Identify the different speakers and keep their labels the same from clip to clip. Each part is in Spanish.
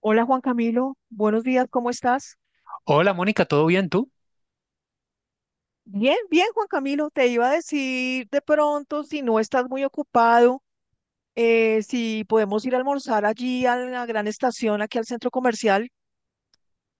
Speaker 1: Hola Juan Camilo, buenos días, ¿cómo estás?
Speaker 2: Hola Mónica, ¿todo bien tú?
Speaker 1: Bien, bien Juan Camilo, te iba a decir de pronto si no estás muy ocupado, si podemos ir a almorzar allí a la Gran Estación, aquí al centro comercial.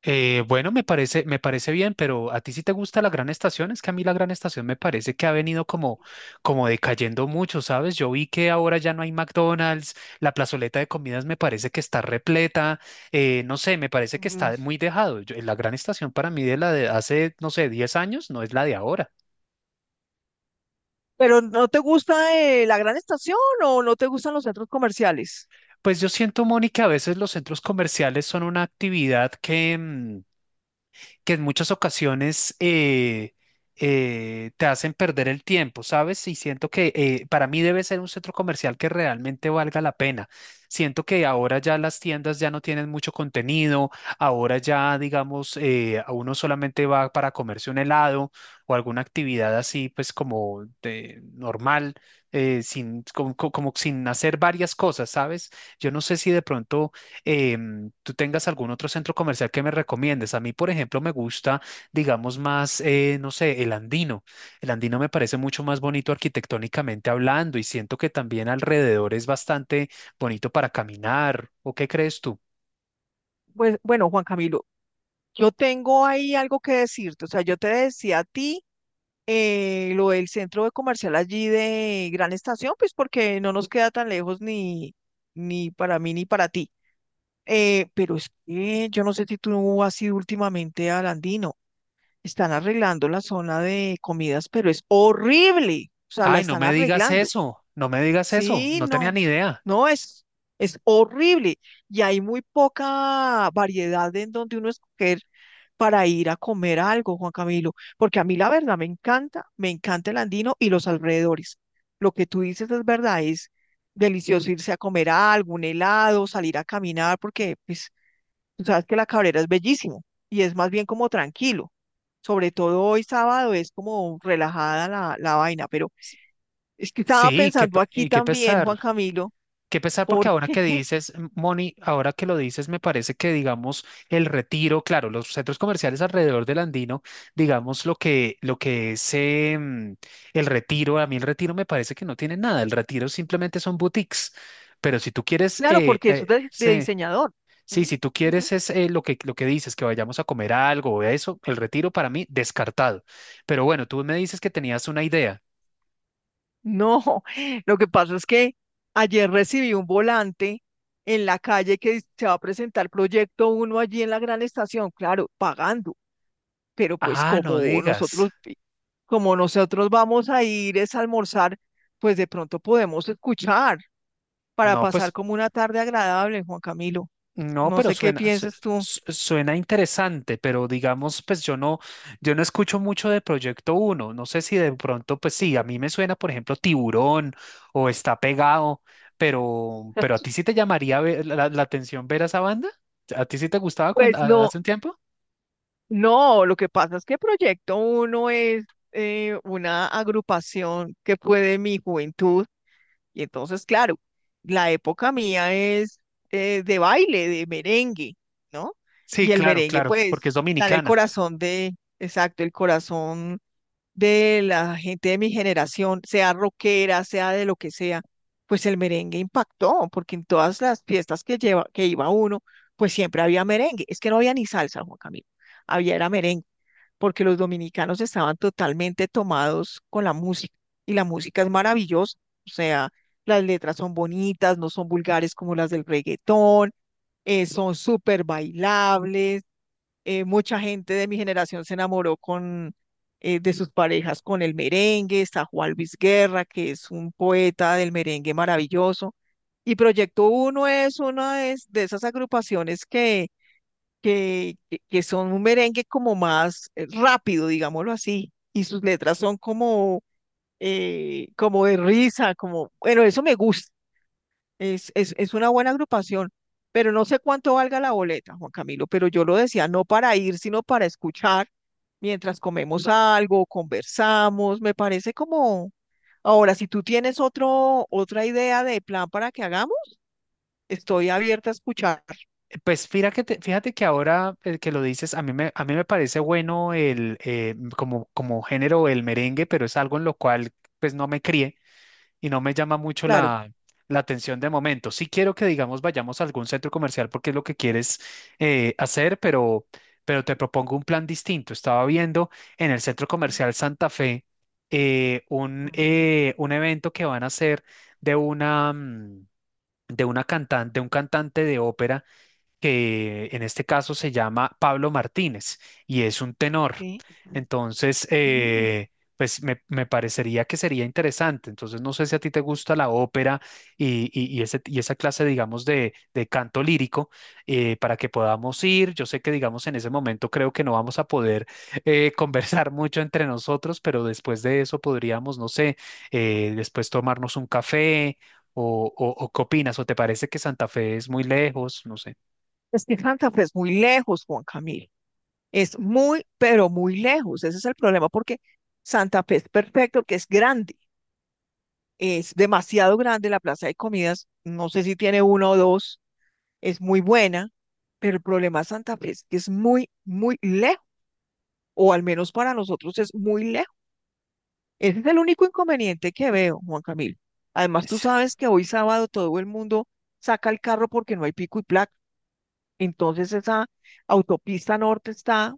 Speaker 2: Bueno, me parece bien, pero ¿a ti sí te gusta la Gran Estación? Es que a mí la Gran Estación me parece que ha venido como, como decayendo mucho, ¿sabes? Yo vi que ahora ya no hay McDonald's, la plazoleta de comidas me parece que está repleta, no sé, me parece que
Speaker 1: Mm,
Speaker 2: está muy dejado. La Gran Estación para mí de la de hace, no sé, 10 años no es la de ahora.
Speaker 1: pero ¿no te gusta la Gran Estación o no te gustan los centros comerciales?
Speaker 2: Pues yo siento, Mónica, a veces los centros comerciales son una actividad que, que en muchas ocasiones te hacen perder el tiempo, ¿sabes? Y siento que para mí debe ser un centro comercial que realmente valga la pena. Siento que ahora ya las tiendas ya no tienen mucho contenido, ahora ya, digamos, a uno solamente va para comerse un helado o alguna actividad así, pues como de, normal, sin, como, como sin hacer varias cosas, ¿sabes? Yo no sé si de pronto tú tengas algún otro centro comercial que me recomiendes. A mí, por ejemplo, me gusta, digamos, más, no sé, el Andino. El Andino me parece mucho más bonito arquitectónicamente hablando y siento que también alrededor es bastante bonito para caminar. ¿O qué crees tú?
Speaker 1: Pues bueno, Juan Camilo, yo tengo ahí algo que decirte. O sea, yo te decía a ti lo del centro de comercial allí de Gran Estación, pues porque no nos queda tan lejos, ni para mí ni para ti. Pero es que yo no sé si tú has ido últimamente al Andino. Están arreglando la zona de comidas, pero es horrible. O sea, la
Speaker 2: Ay, no
Speaker 1: están
Speaker 2: me digas
Speaker 1: arreglando.
Speaker 2: eso, no me digas eso,
Speaker 1: Sí,
Speaker 2: no
Speaker 1: no.
Speaker 2: tenía ni idea.
Speaker 1: No, es horrible. Y hay muy poca variedad en donde uno escoger para ir a comer algo, Juan Camilo. Porque a mí la verdad me encanta el Andino y los alrededores. Lo que tú dices es verdad, es delicioso irse a comer algo, un helado, salir a caminar, porque pues tú sabes que la Cabrera es bellísimo y es más bien como tranquilo. Sobre todo hoy sábado es como relajada la vaina, pero
Speaker 2: S-
Speaker 1: es que estaba
Speaker 2: Sí,
Speaker 1: pensando aquí
Speaker 2: y qué
Speaker 1: también,
Speaker 2: pesar.
Speaker 1: Juan Camilo,
Speaker 2: Qué pesar porque ahora que
Speaker 1: porque...
Speaker 2: dices, Moni, ahora que lo dices, me parece que, digamos, el retiro, claro, los centros comerciales alrededor del Andino, digamos, lo que es el retiro, a mí el retiro me parece que no tiene nada, el retiro simplemente son boutiques, pero si tú quieres,
Speaker 1: claro, porque eso es de
Speaker 2: sí,
Speaker 1: diseñador.
Speaker 2: sí,
Speaker 1: ¿M?
Speaker 2: si tú quieres
Speaker 1: Ujú.
Speaker 2: es lo que dices, que vayamos a comer algo o eso, el retiro para mí, descartado. Pero bueno, tú me dices que tenías una idea.
Speaker 1: No, lo que pasa es que ayer recibí un volante en la calle que dice, se va a presentar Proyecto Uno allí en la Gran Estación, claro, pagando. Pero pues
Speaker 2: Ah, no
Speaker 1: como
Speaker 2: digas.
Speaker 1: nosotros, como nosotros vamos a ir es a almorzar, pues de pronto podemos escuchar para
Speaker 2: No,
Speaker 1: pasar
Speaker 2: pues
Speaker 1: como una tarde agradable, Juan Camilo.
Speaker 2: no,
Speaker 1: No
Speaker 2: pero
Speaker 1: sé qué
Speaker 2: suena,
Speaker 1: piensas tú.
Speaker 2: suena interesante, pero digamos, pues yo no, yo no escucho mucho de Proyecto Uno. No sé si de pronto, pues sí, a mí me suena, por ejemplo, Tiburón o Está Pegado, pero a ti sí te llamaría la, la atención ver a esa banda. ¿A ti sí te gustaba cuando,
Speaker 1: Pues no,
Speaker 2: hace un tiempo?
Speaker 1: no, lo que pasa es que Proyecto Uno es una agrupación que fue de mi juventud, y entonces, claro, la época mía es de baile, de merengue, ¿no?
Speaker 2: Sí,
Speaker 1: Y el
Speaker 2: claro,
Speaker 1: merengue,
Speaker 2: claro, porque
Speaker 1: pues,
Speaker 2: es
Speaker 1: está en el
Speaker 2: dominicana.
Speaker 1: corazón de, exacto, el corazón de la gente de mi generación, sea rockera, sea de lo que sea, pues el merengue impactó, porque en todas las fiestas que iba uno, pues siempre había merengue. Es que no había ni salsa, Juan Camilo, había era merengue, porque los dominicanos estaban totalmente tomados con la música y la música es maravillosa. O sea, las letras son bonitas, no son vulgares como las del reggaetón, son súper bailables, mucha gente de mi generación se enamoró de sus parejas con el merengue. Está Juan Luis Guerra, que es un poeta del merengue maravilloso. Y Proyecto Uno es una de esas agrupaciones que son un merengue como más rápido, digámoslo así, y sus letras son como de risa, como, bueno, eso me gusta. Es una buena agrupación, pero no sé cuánto valga la boleta, Juan Camilo, pero yo lo decía, no para ir, sino para escuchar mientras comemos algo, conversamos. Me parece como... Ahora, si tú tienes otra idea de plan para que hagamos, estoy abierta a escuchar,
Speaker 2: Pues fíjate, fíjate que ahora que lo dices, a mí me parece bueno el, como, como género el merengue, pero es algo en lo cual pues no me crié, y no me llama mucho
Speaker 1: claro.
Speaker 2: la, la atención de momento. Sí quiero que, digamos, vayamos a algún centro comercial porque es lo que quieres hacer, pero te propongo un plan distinto. Estaba viendo en el centro comercial Santa Fe
Speaker 1: Claro.
Speaker 2: un evento que van a hacer de una... mm, de una cantante, de un cantante de ópera que en este caso se llama Pablo Martínez y es un tenor.
Speaker 1: Sí.
Speaker 2: Entonces,
Speaker 1: Ujú.
Speaker 2: pues me parecería que sería interesante. Entonces, no sé si a ti te gusta la ópera y, y ese- y esa clase, digamos, de canto lírico para que podamos ir. Yo sé que, digamos, en ese momento creo que no vamos a poder conversar mucho entre nosotros, pero después de eso podríamos, no sé, después tomarnos un café. ¿O qué opinas? ¿O te parece que Santa Fe es muy lejos? No sé.
Speaker 1: Es que Santa Fe es muy lejos, Juan Camilo. Es muy, pero muy lejos. Ese es el problema, porque Santa Fe es perfecto, que es grande. Es demasiado grande la plaza de comidas, no sé si tiene uno o dos, es muy buena, pero el problema de Santa Fe es que es muy, muy lejos, o al menos para nosotros es muy lejos. Ese es el único inconveniente que veo, Juan Camilo. Además, tú
Speaker 2: Es-
Speaker 1: sabes que hoy sábado todo el mundo saca el carro porque no hay pico y placa. Entonces esa autopista norte está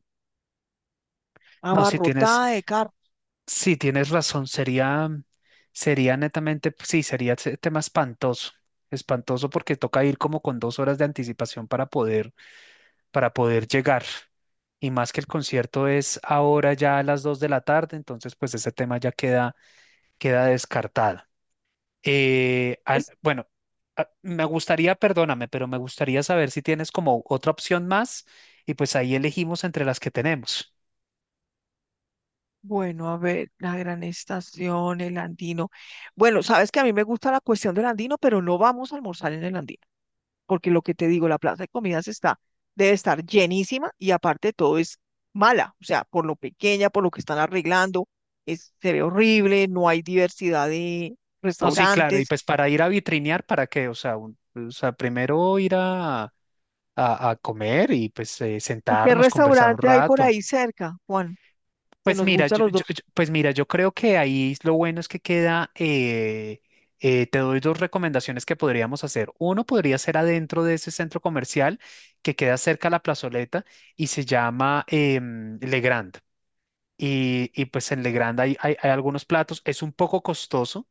Speaker 2: No, si tienes,
Speaker 1: abarrotada de carros.
Speaker 2: si tienes razón, sería, sería netamente, pues, sí, sería ese tema espantoso, espantoso porque toca ir como con 2 horas de anticipación para poder llegar. Y más que el concierto es ahora ya a las 2 de la tarde, entonces pues ese tema ya queda, queda descartado. Eh, al- bueno, me gustaría, perdóname, pero me gustaría saber si tienes como otra opción más y pues ahí elegimos entre las que tenemos.
Speaker 1: Bueno, a ver, la Gran Estación, el Andino. Bueno, sabes que a mí me gusta la cuestión del Andino, pero no vamos a almorzar en el Andino, porque lo que te digo, la plaza de comidas está, debe estar llenísima y aparte de todo es mala. O sea, por lo pequeña, por lo que están arreglando, es, se ve horrible, no hay diversidad de
Speaker 2: No, sí, claro, y
Speaker 1: restaurantes.
Speaker 2: pues para ir a vitrinear, ¿para qué? O sea, o sea, primero ir a, a comer y pues
Speaker 1: ¿Y qué
Speaker 2: sentarnos, conversar un
Speaker 1: restaurante hay por
Speaker 2: rato.
Speaker 1: ahí cerca, Juan, que
Speaker 2: Pues
Speaker 1: nos
Speaker 2: mira,
Speaker 1: gusta a los dos?
Speaker 2: pues mira, yo creo que ahí lo bueno es que queda, te doy dos recomendaciones que podríamos hacer. Uno podría ser adentro de ese centro comercial que queda cerca a la plazoleta y se llama Le Grand. Y pues en Le Grand hay, hay algunos platos, es un poco costoso,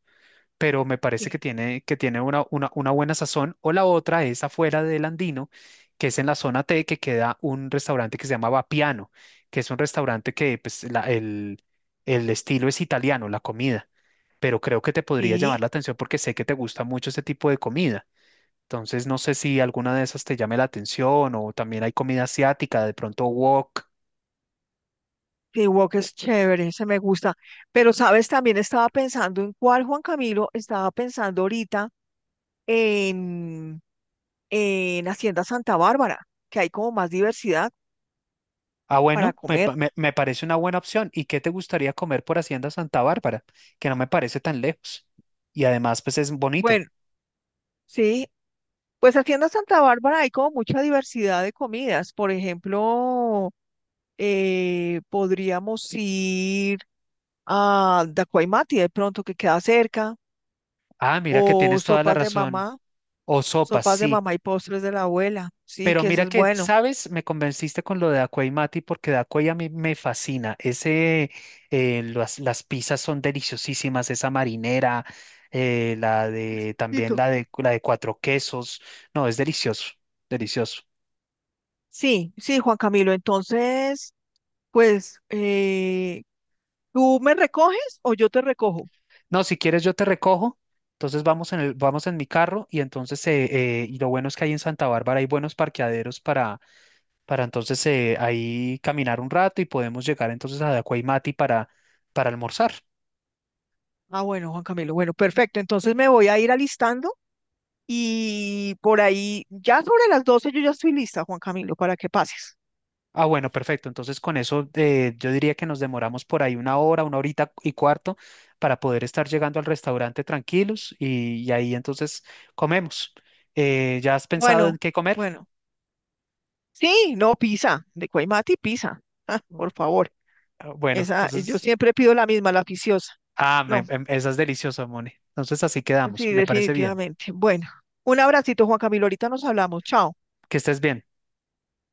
Speaker 2: pero me parece
Speaker 1: Sí.
Speaker 2: que tiene una buena sazón. O la otra es afuera del Andino, que es en la zona T, que queda un restaurante que se llama Vapiano, que es un restaurante que pues, el estilo es italiano, la comida, pero creo que te podría llamar
Speaker 1: Sí.
Speaker 2: la atención porque sé que te gusta mucho ese tipo de comida. Entonces, no sé si alguna de esas te llame la atención o también hay comida asiática, de pronto wok.
Speaker 1: Que Walk es chévere, ese me gusta. Pero ¿sabes? También estaba pensando en cuál Juan Camilo estaba pensando ahorita en, Hacienda Santa Bárbara, que hay como más diversidad
Speaker 2: Ah,
Speaker 1: para
Speaker 2: bueno,
Speaker 1: comer.
Speaker 2: me parece una buena opción. ¿Y qué te gustaría comer por Hacienda Santa Bárbara? Que no me parece tan lejos. Y además, pues es bonito.
Speaker 1: Bueno, sí, pues Hacienda Santa Bárbara hay como mucha diversidad de comidas. Por ejemplo, podríamos ir a Dacuaymati de pronto, que queda cerca,
Speaker 2: Ah, mira que
Speaker 1: o
Speaker 2: tienes toda la razón. O sopas,
Speaker 1: sopas de
Speaker 2: sí.
Speaker 1: mamá y postres de la abuela. Sí,
Speaker 2: Pero
Speaker 1: que ese
Speaker 2: mira
Speaker 1: es
Speaker 2: que,
Speaker 1: bueno.
Speaker 2: ¿sabes? Me convenciste con lo de Acuey Mati porque de Acuey a mí me fascina. Ese, las pizzas son deliciosísimas, esa marinera, la de, también
Speaker 1: Listo.
Speaker 2: la de cuatro quesos. No, es delicioso, delicioso.
Speaker 1: Sí, sí, Juan Camilo. Entonces, pues, ¿tú me recoges o yo te recojo?
Speaker 2: No, si quieres yo te recojo, entonces vamos en el, vamos en mi carro y entonces y lo bueno es que ahí en Santa Bárbara hay buenos parqueaderos para entonces ahí caminar un rato y podemos llegar entonces a Dacuaymati para almorzar.
Speaker 1: Ah, bueno, Juan Camilo. Bueno, perfecto. Entonces me voy a ir alistando y por ahí, ya sobre las 12:00 yo ya estoy lista, Juan Camilo, para que pases.
Speaker 2: Ah, bueno, perfecto. Entonces con eso yo diría que nos demoramos por ahí una hora, una horita y cuarto para poder estar llegando al restaurante tranquilos y ahí entonces comemos. ¿Ya has pensado en
Speaker 1: Bueno,
Speaker 2: qué comer?
Speaker 1: bueno. Sí, no, pizza. De Cuaymati, pizza. Ah,
Speaker 2: Bu-
Speaker 1: por favor.
Speaker 2: Bueno,
Speaker 1: Esa, yo
Speaker 2: entonces...
Speaker 1: siempre pido la misma, la oficiosa.
Speaker 2: Ah,
Speaker 1: No,
Speaker 2: esa es deliciosa, Moni. Entonces así quedamos.
Speaker 1: sí,
Speaker 2: Me parece bien.
Speaker 1: definitivamente. Bueno, un abracito, Juan Camilo. Ahorita nos hablamos. Chao.
Speaker 2: Que estés bien.